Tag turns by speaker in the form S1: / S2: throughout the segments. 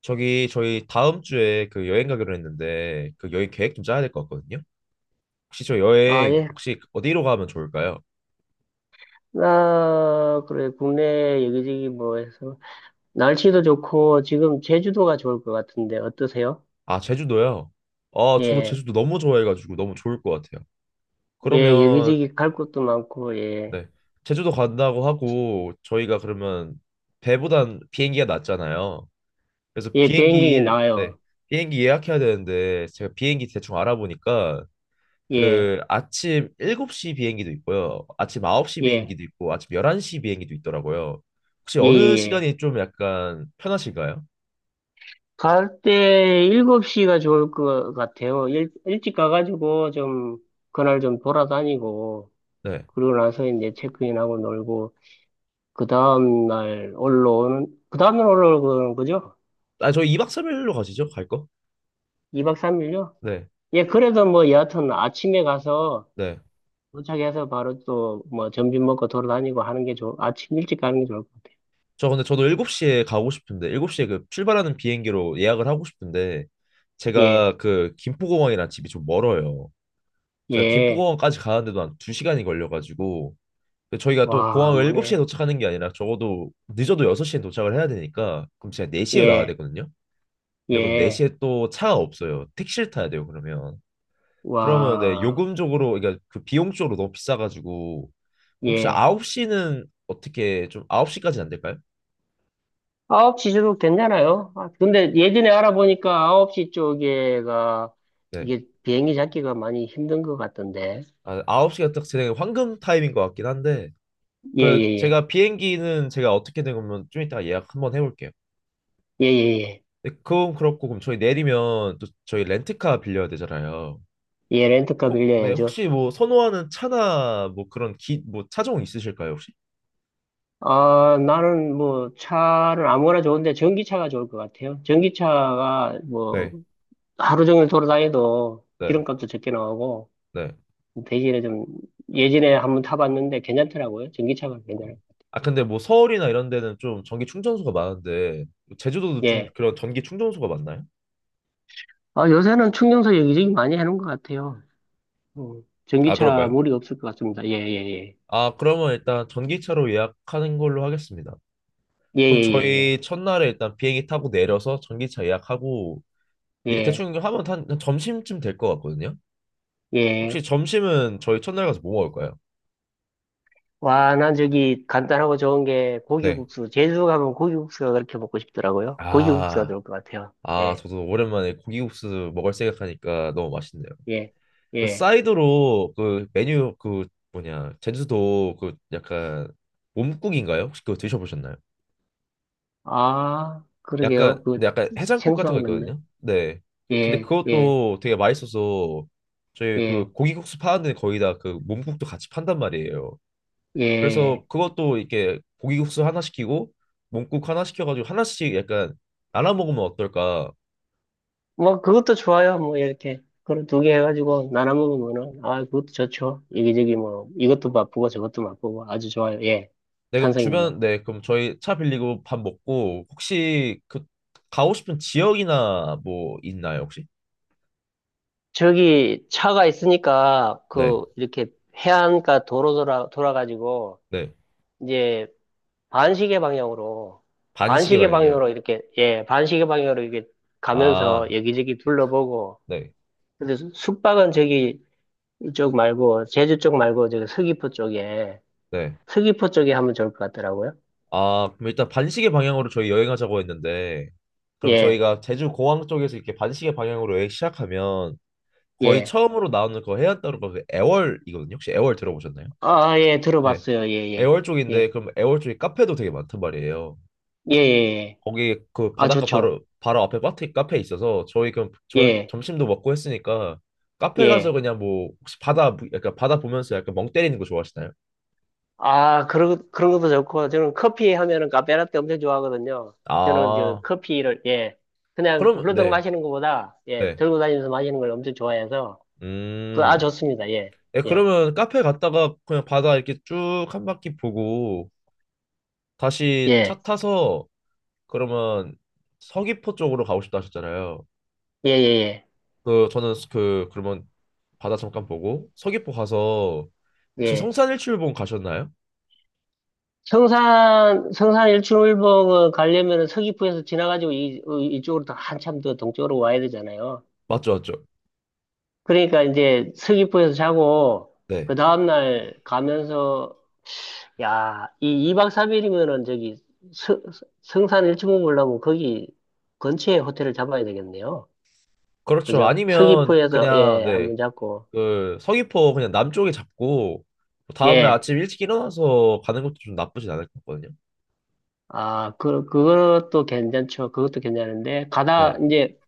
S1: 저기 저희 다음 주에 그 여행 가기로 했는데 그 여행 계획 좀 짜야 될 것 같거든요. 혹시 저
S2: 아,
S1: 여행
S2: 예.
S1: 혹시 어디로 가면 좋을까요?
S2: 아, 그래. 국내 여기저기 뭐 해서. 날씨도 좋고, 지금 제주도가 좋을 것 같은데, 어떠세요?
S1: 아, 제주도요. 아, 저도
S2: 예.
S1: 제주도 너무 좋아해가지고 너무 좋을 것 같아요.
S2: 예,
S1: 그러면
S2: 여기저기 갈 곳도 많고, 예.
S1: 네, 제주도 간다고 하고 저희가 그러면 배보단 비행기가 낫잖아요. 그래서
S2: 예, 비행기
S1: 비행기 네,
S2: 나와요.
S1: 비행기 예약해야 되는데 제가 비행기 대충 알아보니까
S2: 예.
S1: 그 아침 7시 비행기도 있고요. 아침 9시
S2: 예.
S1: 비행기도 있고 아침 11시 비행기도 있더라고요. 혹시
S2: 예,
S1: 어느
S2: 예, 예.
S1: 시간이 좀 약간 편하실까요?
S2: 갈 때 7시가 좋을 것 같아요. 일찍 가가지고 좀, 그날 좀 돌아다니고,
S1: 네.
S2: 그러고 나서 이제 체크인하고 놀고, 그 다음날 올라오는 거죠?
S1: 아, 저희 2박 3일로 가시죠? 갈 거?
S2: 2박 3일요?
S1: 네.
S2: 예, 그래도 뭐 여하튼 아침에 가서
S1: 네.
S2: 도착해서 바로 또 뭐 점심 먹고 돌아다니고 하는 게 아침 일찍 가는 게 좋을 것 같아요.
S1: 저 근데 저도 7시에 가고 싶은데 7시에 그 출발하는 비행기로 예약을 하고 싶은데
S2: 예,
S1: 제가 그 김포공항이랑 집이 좀 멀어요. 제가
S2: 예,
S1: 김포공항까지 가는데도 한 2시간이 걸려가지고 근데 저희가 또
S2: 와,
S1: 공항을 7시에
S2: 뭐네.
S1: 도착하는 게 아니라 적어도 늦어도 6시에 도착을 해야 되니까 그럼 제가 4시에 나와야
S2: 예,
S1: 되거든요. 근데 그럼
S2: 예,
S1: 4시에 또 차가 없어요. 택시를 타야 돼요, 그러면. 그러면 네,
S2: 와,
S1: 요금 적으로 그러니까 그 비용 쪽으로 너무 비싸가지고. 혹시
S2: 예.
S1: 9시는 어떻게 좀 9시까지는 안 될까요?
S2: 9시도 괜찮아요. 아, 근데 예전에 알아보니까 9시 쪽에가
S1: 네.
S2: 이게 비행기 잡기가 많이 힘든 것 같던데.
S1: 아, 9시가 딱 제 황금 타임인 것 같긴 한데.
S2: 예,
S1: 그
S2: 예, 예.
S1: 제가 비행기는 제가 어떻게 된 거면 좀 이따 가 예약 한번 해볼게요.
S2: 예, 예, 예.
S1: 네, 그건 그렇고 그럼 저희 내리면 또 저희 렌트카 빌려야 되잖아요.
S2: 예, 렌트카
S1: 혹, 네,
S2: 빌려야죠.
S1: 혹시 뭐 선호하는 차나 뭐 그런 기, 뭐 차종 있으실까요, 혹시?
S2: 아, 나는 뭐 차는 아무거나 좋은데 전기차가 좋을 것 같아요. 전기차가 뭐
S1: 네,
S2: 하루 종일 돌아다녀도
S1: 네,
S2: 기름값도 적게 나오고
S1: 네.
S2: 대신에 좀 예전에 한번 타봤는데 괜찮더라고요. 전기차가 괜찮아요.
S1: 아 근데 뭐 서울이나 이런 데는 좀 전기 충전소가 많은데 제주도도 좀
S2: 예.
S1: 그런 전기 충전소가 많나요?
S2: 아, 요새는 충전소 여기저기 많이 해놓은 것 같아요. 음,
S1: 아
S2: 전기차
S1: 그런가요?
S2: 무리 없을 것 같습니다. 예, 예,
S1: 아 그러면 일단 전기차로 예약하는 걸로 하겠습니다.
S2: 예.
S1: 그럼
S2: 예, 예,
S1: 저희 첫날에 일단 비행기 타고 내려서 전기차 예약하고
S2: 예,
S1: 예
S2: 예.
S1: 대충 하면 한, 한 점심쯤 될 것 같거든요.
S2: 예,
S1: 혹시
S2: 예.
S1: 점심은 저희 첫날 가서 뭐 먹을까요?
S2: 와, 난 저기 간단하고 좋은 게
S1: 네.
S2: 고기국수. 제주 가면 고기국수가 그렇게 먹고 싶더라고요. 고기국수가
S1: 아,
S2: 좋을 것 같아요.
S1: 아
S2: 예.
S1: 저도 오랜만에 고기국수 먹을 생각하니까 너무 맛있네요.
S2: 예,
S1: 그
S2: 예.
S1: 사이드로 그 메뉴 그 뭐냐 제주도 그 약간 몸국인가요? 혹시 그거 드셔보셨나요?
S2: 아,
S1: 약간
S2: 그러게요.
S1: 근데
S2: 그
S1: 약간 해장국 같은 거
S2: 생소한 건데.
S1: 있거든요. 네. 근데
S2: 예, 예,
S1: 그것도 되게 맛있어서 저희 그
S2: 예,
S1: 고기국수 파는데 거의 다 그 몸국도 같이 판단 말이에요. 그래서
S2: 예.
S1: 그것도 이렇게 고기국수 하나 시키고 몸국 하나 시켜가지고 하나씩 약간 나눠 먹으면 어떨까?
S2: 뭐 그것도 좋아요. 뭐 이렇게 그런 2개 해가지고 나눠 먹으면은 아 그것도 좋죠. 여기저기 뭐 이것도 맛보고 저것도 맛보고 아주 좋아요. 예,
S1: 네, 그럼
S2: 찬성입니다.
S1: 주변, 네, 그럼 저희 차 빌리고 밥 먹고, 혹시 그, 가고 싶은 지역이나 뭐 있나요, 혹시?
S2: 저기 차가 있으니까
S1: 네,
S2: 그 이렇게 해안가 도로 돌아 돌아가지고
S1: 네.
S2: 이제 반시계 방향으로
S1: 반시계
S2: 반시계
S1: 방향이요.
S2: 방향으로 이렇게 예 반시계 방향으로 이렇게 가면서
S1: 아,
S2: 여기저기 둘러보고
S1: 네,
S2: 근데 숙박은 저기 이쪽 말고 제주 쪽 말고 저기 서귀포 쪽에
S1: 네.
S2: 서귀포 쪽에 하면 좋을 것 같더라고요.
S1: 아, 그럼 일단 반시계 방향으로 저희 여행하자고 했는데, 그럼
S2: 예,
S1: 저희가 제주 공항 쪽에서 이렇게 반시계 방향으로 여행 시작하면, 거의
S2: 예.
S1: 처음으로 나오는 그 해안 따로가 그 애월이거든요. 혹시 애월 들어보셨나요?
S2: 아, 아, 예,
S1: 네.
S2: 들어봤어요. 예, 예.
S1: 애월 쪽인데,
S2: 예,
S1: 그럼 애월 쪽에 카페도 되게 많단 말이에요.
S2: 예, 예. 예.
S1: 거기 그
S2: 아,
S1: 바닷가
S2: 좋죠.
S1: 바로 바로 앞에 바트 카페 있어서 저희 그럼 전
S2: 예,
S1: 점심도 먹고 했으니까 카페 가서
S2: 예.
S1: 그냥 뭐 혹시 약간 바다 보면서 약간 멍 때리는 거 좋아하시나요?
S2: 아, 그런 것도 좋고 저는 커피 하면은 카페라떼 엄청 좋아하거든요. 저는 저
S1: 아
S2: 커피를 예. 그냥
S1: 그럼
S2: 훌러덩
S1: 네
S2: 마시는 것보다 예,
S1: 네.
S2: 들고 다니면서 마시는 걸 엄청 좋아해서 그
S1: 음.
S2: 아 좋습니다. 예.
S1: 네,
S2: 예.
S1: 그러면 카페 갔다가 그냥 바다 이렇게 쭉 한 바퀴 보고 다시
S2: 예.
S1: 차 타서 그러면 서귀포 쪽으로 가고 싶다 하셨잖아요.
S2: 예, 예,
S1: 그 저는 그 그러면 바다 잠깐 보고 서귀포 가서
S2: 예.
S1: 혹시
S2: 예.
S1: 성산일출봉 가셨나요?
S2: 성산 일출을봉을 가려면 서귀포에서 지나가지고 이쪽으로 더 한참 더 동쪽으로 와야 되잖아요.
S1: 맞죠, 맞죠?
S2: 그러니까 이제 서귀포에서 자고,
S1: 네.
S2: 그 다음날 가면서, 야, 이 2박 3일이면은 저기 서, 성산 일출봉 보려면 거기 근처에 호텔을 잡아야 되겠네요.
S1: 그렇죠.
S2: 그죠?
S1: 아니면
S2: 서귀포에서,
S1: 그냥
S2: 예,
S1: 네.
S2: 한번 잡고,
S1: 그 서귀포 그냥 남쪽에 잡고 다음 날
S2: 예.
S1: 아침 일찍 일어나서 가는 것도 좀 나쁘진 않을 것 같거든요.
S2: 아, 그것도 괜찮죠. 그것도 괜찮은데,
S1: 네.
S2: 이제,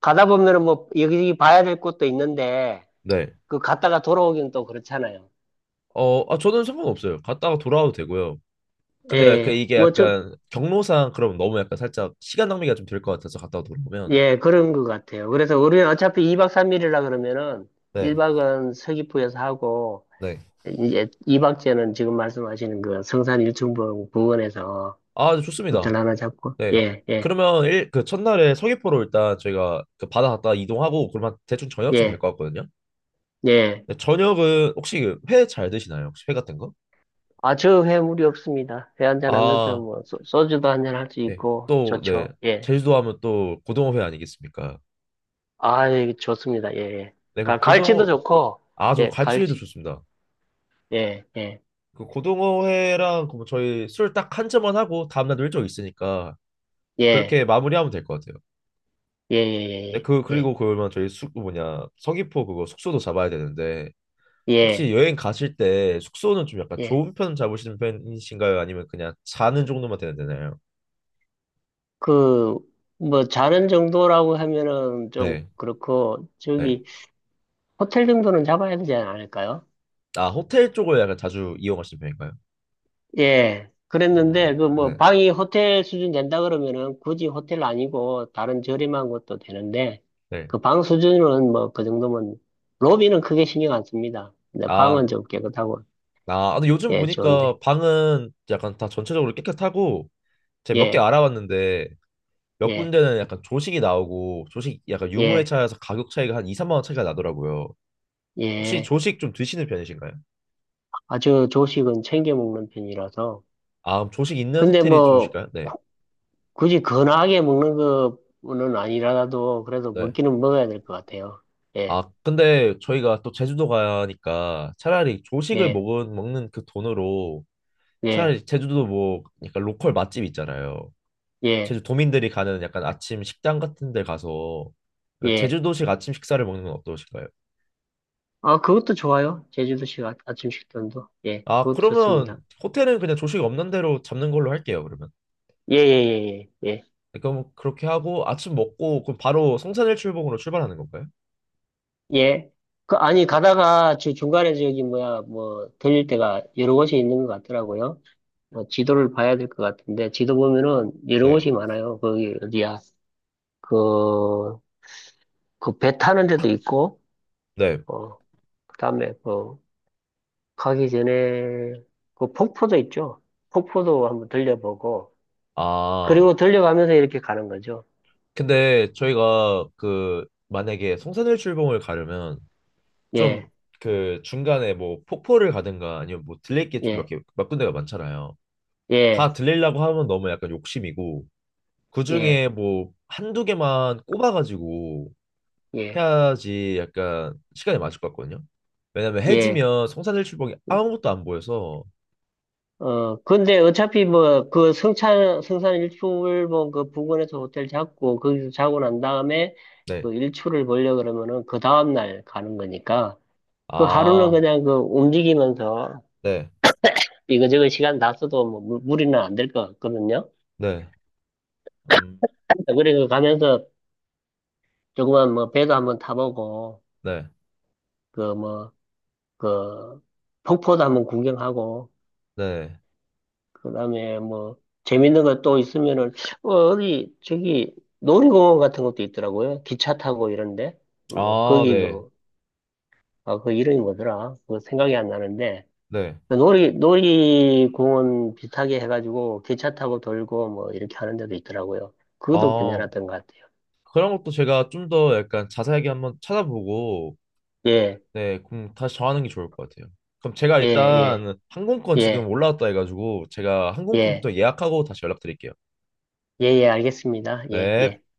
S2: 가다 보면은 뭐 여기저기 봐야 될 곳도 있는데
S1: 네.
S2: 그 갔다가 돌아오긴 또 그렇잖아요.
S1: 어, 아, 저는 상관없어요. 갔다가 돌아와도 되고요. 근데 그
S2: 예,
S1: 이게
S2: 뭐 좀,
S1: 약간 경로상 그럼 너무 약간 살짝 시간 낭비가 좀 될 것 같아서 갔다가 돌아오면
S2: 예, 그런 것 같아요. 그래서 우리는 어차피 2박 3일이라 그러면은
S1: 네.
S2: 1박은 서귀포에서 하고
S1: 네.
S2: 이제 2박째는 지금 말씀하시는 그 성산 일출봉 부근에서
S1: 아, 좋습니다.
S2: 호텔 하나 잡고
S1: 네.
S2: 예, 예,
S1: 그러면 일, 그 첫날에 서귀포로 일단 저희가 그 바다 갔다 이동하고 그러면 대충 저녁쯤 될
S2: 예,
S1: 것 같거든요.
S2: 예.
S1: 네, 저녁은 혹시 회 잘 드시나요? 혹시 회 같은 거?
S2: 아, 저 회 무리 없습니다. 회 1잔 하면서
S1: 아,
S2: 뭐 주도 1잔 할 수
S1: 네.
S2: 있고
S1: 또, 네.
S2: 좋죠. 예.
S1: 제주도 하면 또 고등어회 아니겠습니까?
S2: 아, 예, 좋습니다. 예, 예.
S1: 네, 그럼
S2: 갈치도
S1: 고등어,
S2: 좋고,
S1: 아, 좀
S2: 예,
S1: 갈치회도
S2: 갈치,
S1: 좋습니다.
S2: 예, 예,
S1: 그 고등어회랑 그럼 저희 술 딱 한 잔만 하고 다음날도 일정 있으니까
S2: 예,
S1: 그렇게 마무리하면 될 것 같아요.
S2: 예,
S1: 네,
S2: 예,
S1: 그,
S2: 예, 예,
S1: 그리고 그러면 저희 숙, 그 뭐냐, 서귀포 그거 숙소도 잡아야 되는데
S2: 예, 예.
S1: 혹시 여행 가실 때 숙소는 좀 약간
S2: 예.
S1: 좋은 편 잡으시는 편이신가요? 아니면 그냥 자는 정도만 되는 되나요?
S2: 그, 뭐, 자는 정도라고 하면은 좀
S1: 네,
S2: 그렇고,
S1: 네.
S2: 저기, 호텔 정도는 잡아야 되지 않을까요?
S1: 아, 호텔 쪽을 약간 자주 이용하시는 편인가요?
S2: 예. 그랬는데, 그 뭐,
S1: 네,
S2: 방이 호텔 수준 된다 그러면은 굳이 호텔 아니고 다른 저렴한 것도 되는데,
S1: 네.
S2: 그 방 수준은 뭐, 그 정도면, 로비는 크게 신경 안 씁니다. 근데
S1: 아,
S2: 방은 좀 깨끗하고,
S1: 아, 아, 근데 요즘
S2: 예, 좋은데.
S1: 보니까 방은 약간 다 전체적으로 깨끗하고 제가 몇 개
S2: 예,
S1: 알아봤는데 몇
S2: 예,
S1: 군데는 약간 조식이 나오고 조식 약간 유무에
S2: 예,
S1: 차여서 가격 차이가 한 2, 3만 원 차이가 나더라고요. 혹시
S2: 예.
S1: 조식 좀 드시는 편이신가요?
S2: 아주 조식은 챙겨 먹는 편이라서.
S1: 아, 그럼 조식 있는
S2: 근데
S1: 호텔이
S2: 뭐,
S1: 좋으실까요? 네.
S2: 굳이 건하게 먹는 거는 아니라도, 그래도
S1: 네.
S2: 먹기는 먹어야 될 것 같아요. 예,
S1: 아, 근데 저희가 또 제주도 가니까 차라리 조식을
S2: 예,
S1: 먹는 그 돈으로
S2: 예,
S1: 차라리 제주도 뭐 약간 로컬 맛집 있잖아요.
S2: 예,
S1: 제주 도민들이 가는 약간 아침 식당 같은 데 가서
S2: 예.
S1: 제주도식 아침 식사를 먹는 건 어떠실까요?
S2: 아, 그것도 좋아요. 제주도식 아침 식단도. 예,
S1: 아,
S2: 그것도
S1: 그러면
S2: 좋습니다.
S1: 호텔은 그냥 조식 없는 대로 잡는 걸로 할게요, 그러면.
S2: 예, 예, 예, 예,
S1: 네, 그럼 그렇게 하고 아침 먹고 그럼 바로 성산일 출봉으로 출발하는 건가요?
S2: 예. 예. 그, 아니, 가다가 저 중간에 저기, 뭐야, 뭐, 들릴 때가 여러 곳이 있는 것 같더라고요. 어, 지도를 봐야 될 것 같은데, 지도 보면은 이런
S1: 네.
S2: 곳이 많아요. 거기 어디야? 그, 그 배 타는 데도 있고,
S1: 네.
S2: 어, 그다음에 그 가기 전에 그 폭포도 있죠. 폭포도 한번 들려보고,
S1: 아,
S2: 그리고 들려가면서 이렇게 가는 거죠.
S1: 근데 저희가 그 만약에 성산일 출봉을 가려면 좀
S2: 예,
S1: 그 중간에 뭐 폭포를 가든가 아니면 뭐 들릴 게 좀
S2: 예,
S1: 몇 군데가 많잖아요.
S2: 예,
S1: 다 들리려고 하면 너무 약간 욕심이고
S2: 예,
S1: 그중에 뭐 한두 개만 꼽아가지고
S2: 예,
S1: 해야지 약간 시간이 맞을 것 같거든요. 왜냐면
S2: 예.
S1: 해지면 성산일 출봉이 아무것도 안 보여서
S2: 어, 근데 어차피 뭐, 그 성산 일출봉 그 부근에서 호텔 잡고, 거기서 자고 난 다음에
S1: 네.
S2: 그 일출을 보려 그러면은 그 다음날 가는 거니까, 그 하루는
S1: 아,
S2: 그냥 그 움직이면서
S1: 네.
S2: 이거저거 시간 다 써도 뭐 무리는 안 될 것 같거든요.
S1: 네. 음,
S2: 그리고 가면서 조그만 뭐 배도 한번 타보고,
S1: 네.
S2: 그 뭐, 그 폭포도 한번 구경하고,
S1: 네.
S2: 그다음에 뭐 재밌는 거 또 있으면은 어, 어디 저기 놀이공원 같은 것도 있더라고요. 기차 타고 이런데 뭐
S1: 아, 네.
S2: 거기도 아 그 이름이 뭐더라? 그 생각이 안 나는데
S1: 네.
S2: 그 놀이공원 비슷하게 해가지고 기차 타고 돌고 뭐 이렇게 하는 데도 있더라고요. 그것도
S1: 아,
S2: 괜찮았던 것 같아요.
S1: 그런 것도 제가 좀 더 약간 자세하게 한번 찾아보고
S2: 예,
S1: 네, 그럼 다시 정하는 게 좋을 것 같아요. 그럼 제가
S2: 예, 예,
S1: 일단 항공권 지금
S2: 예,
S1: 올라왔다 해가지고 제가
S2: 예,
S1: 항공권부터 예약하고 다시 연락드릴게요.
S2: 예, 예, 알겠습니다. 예, 예.
S1: 네.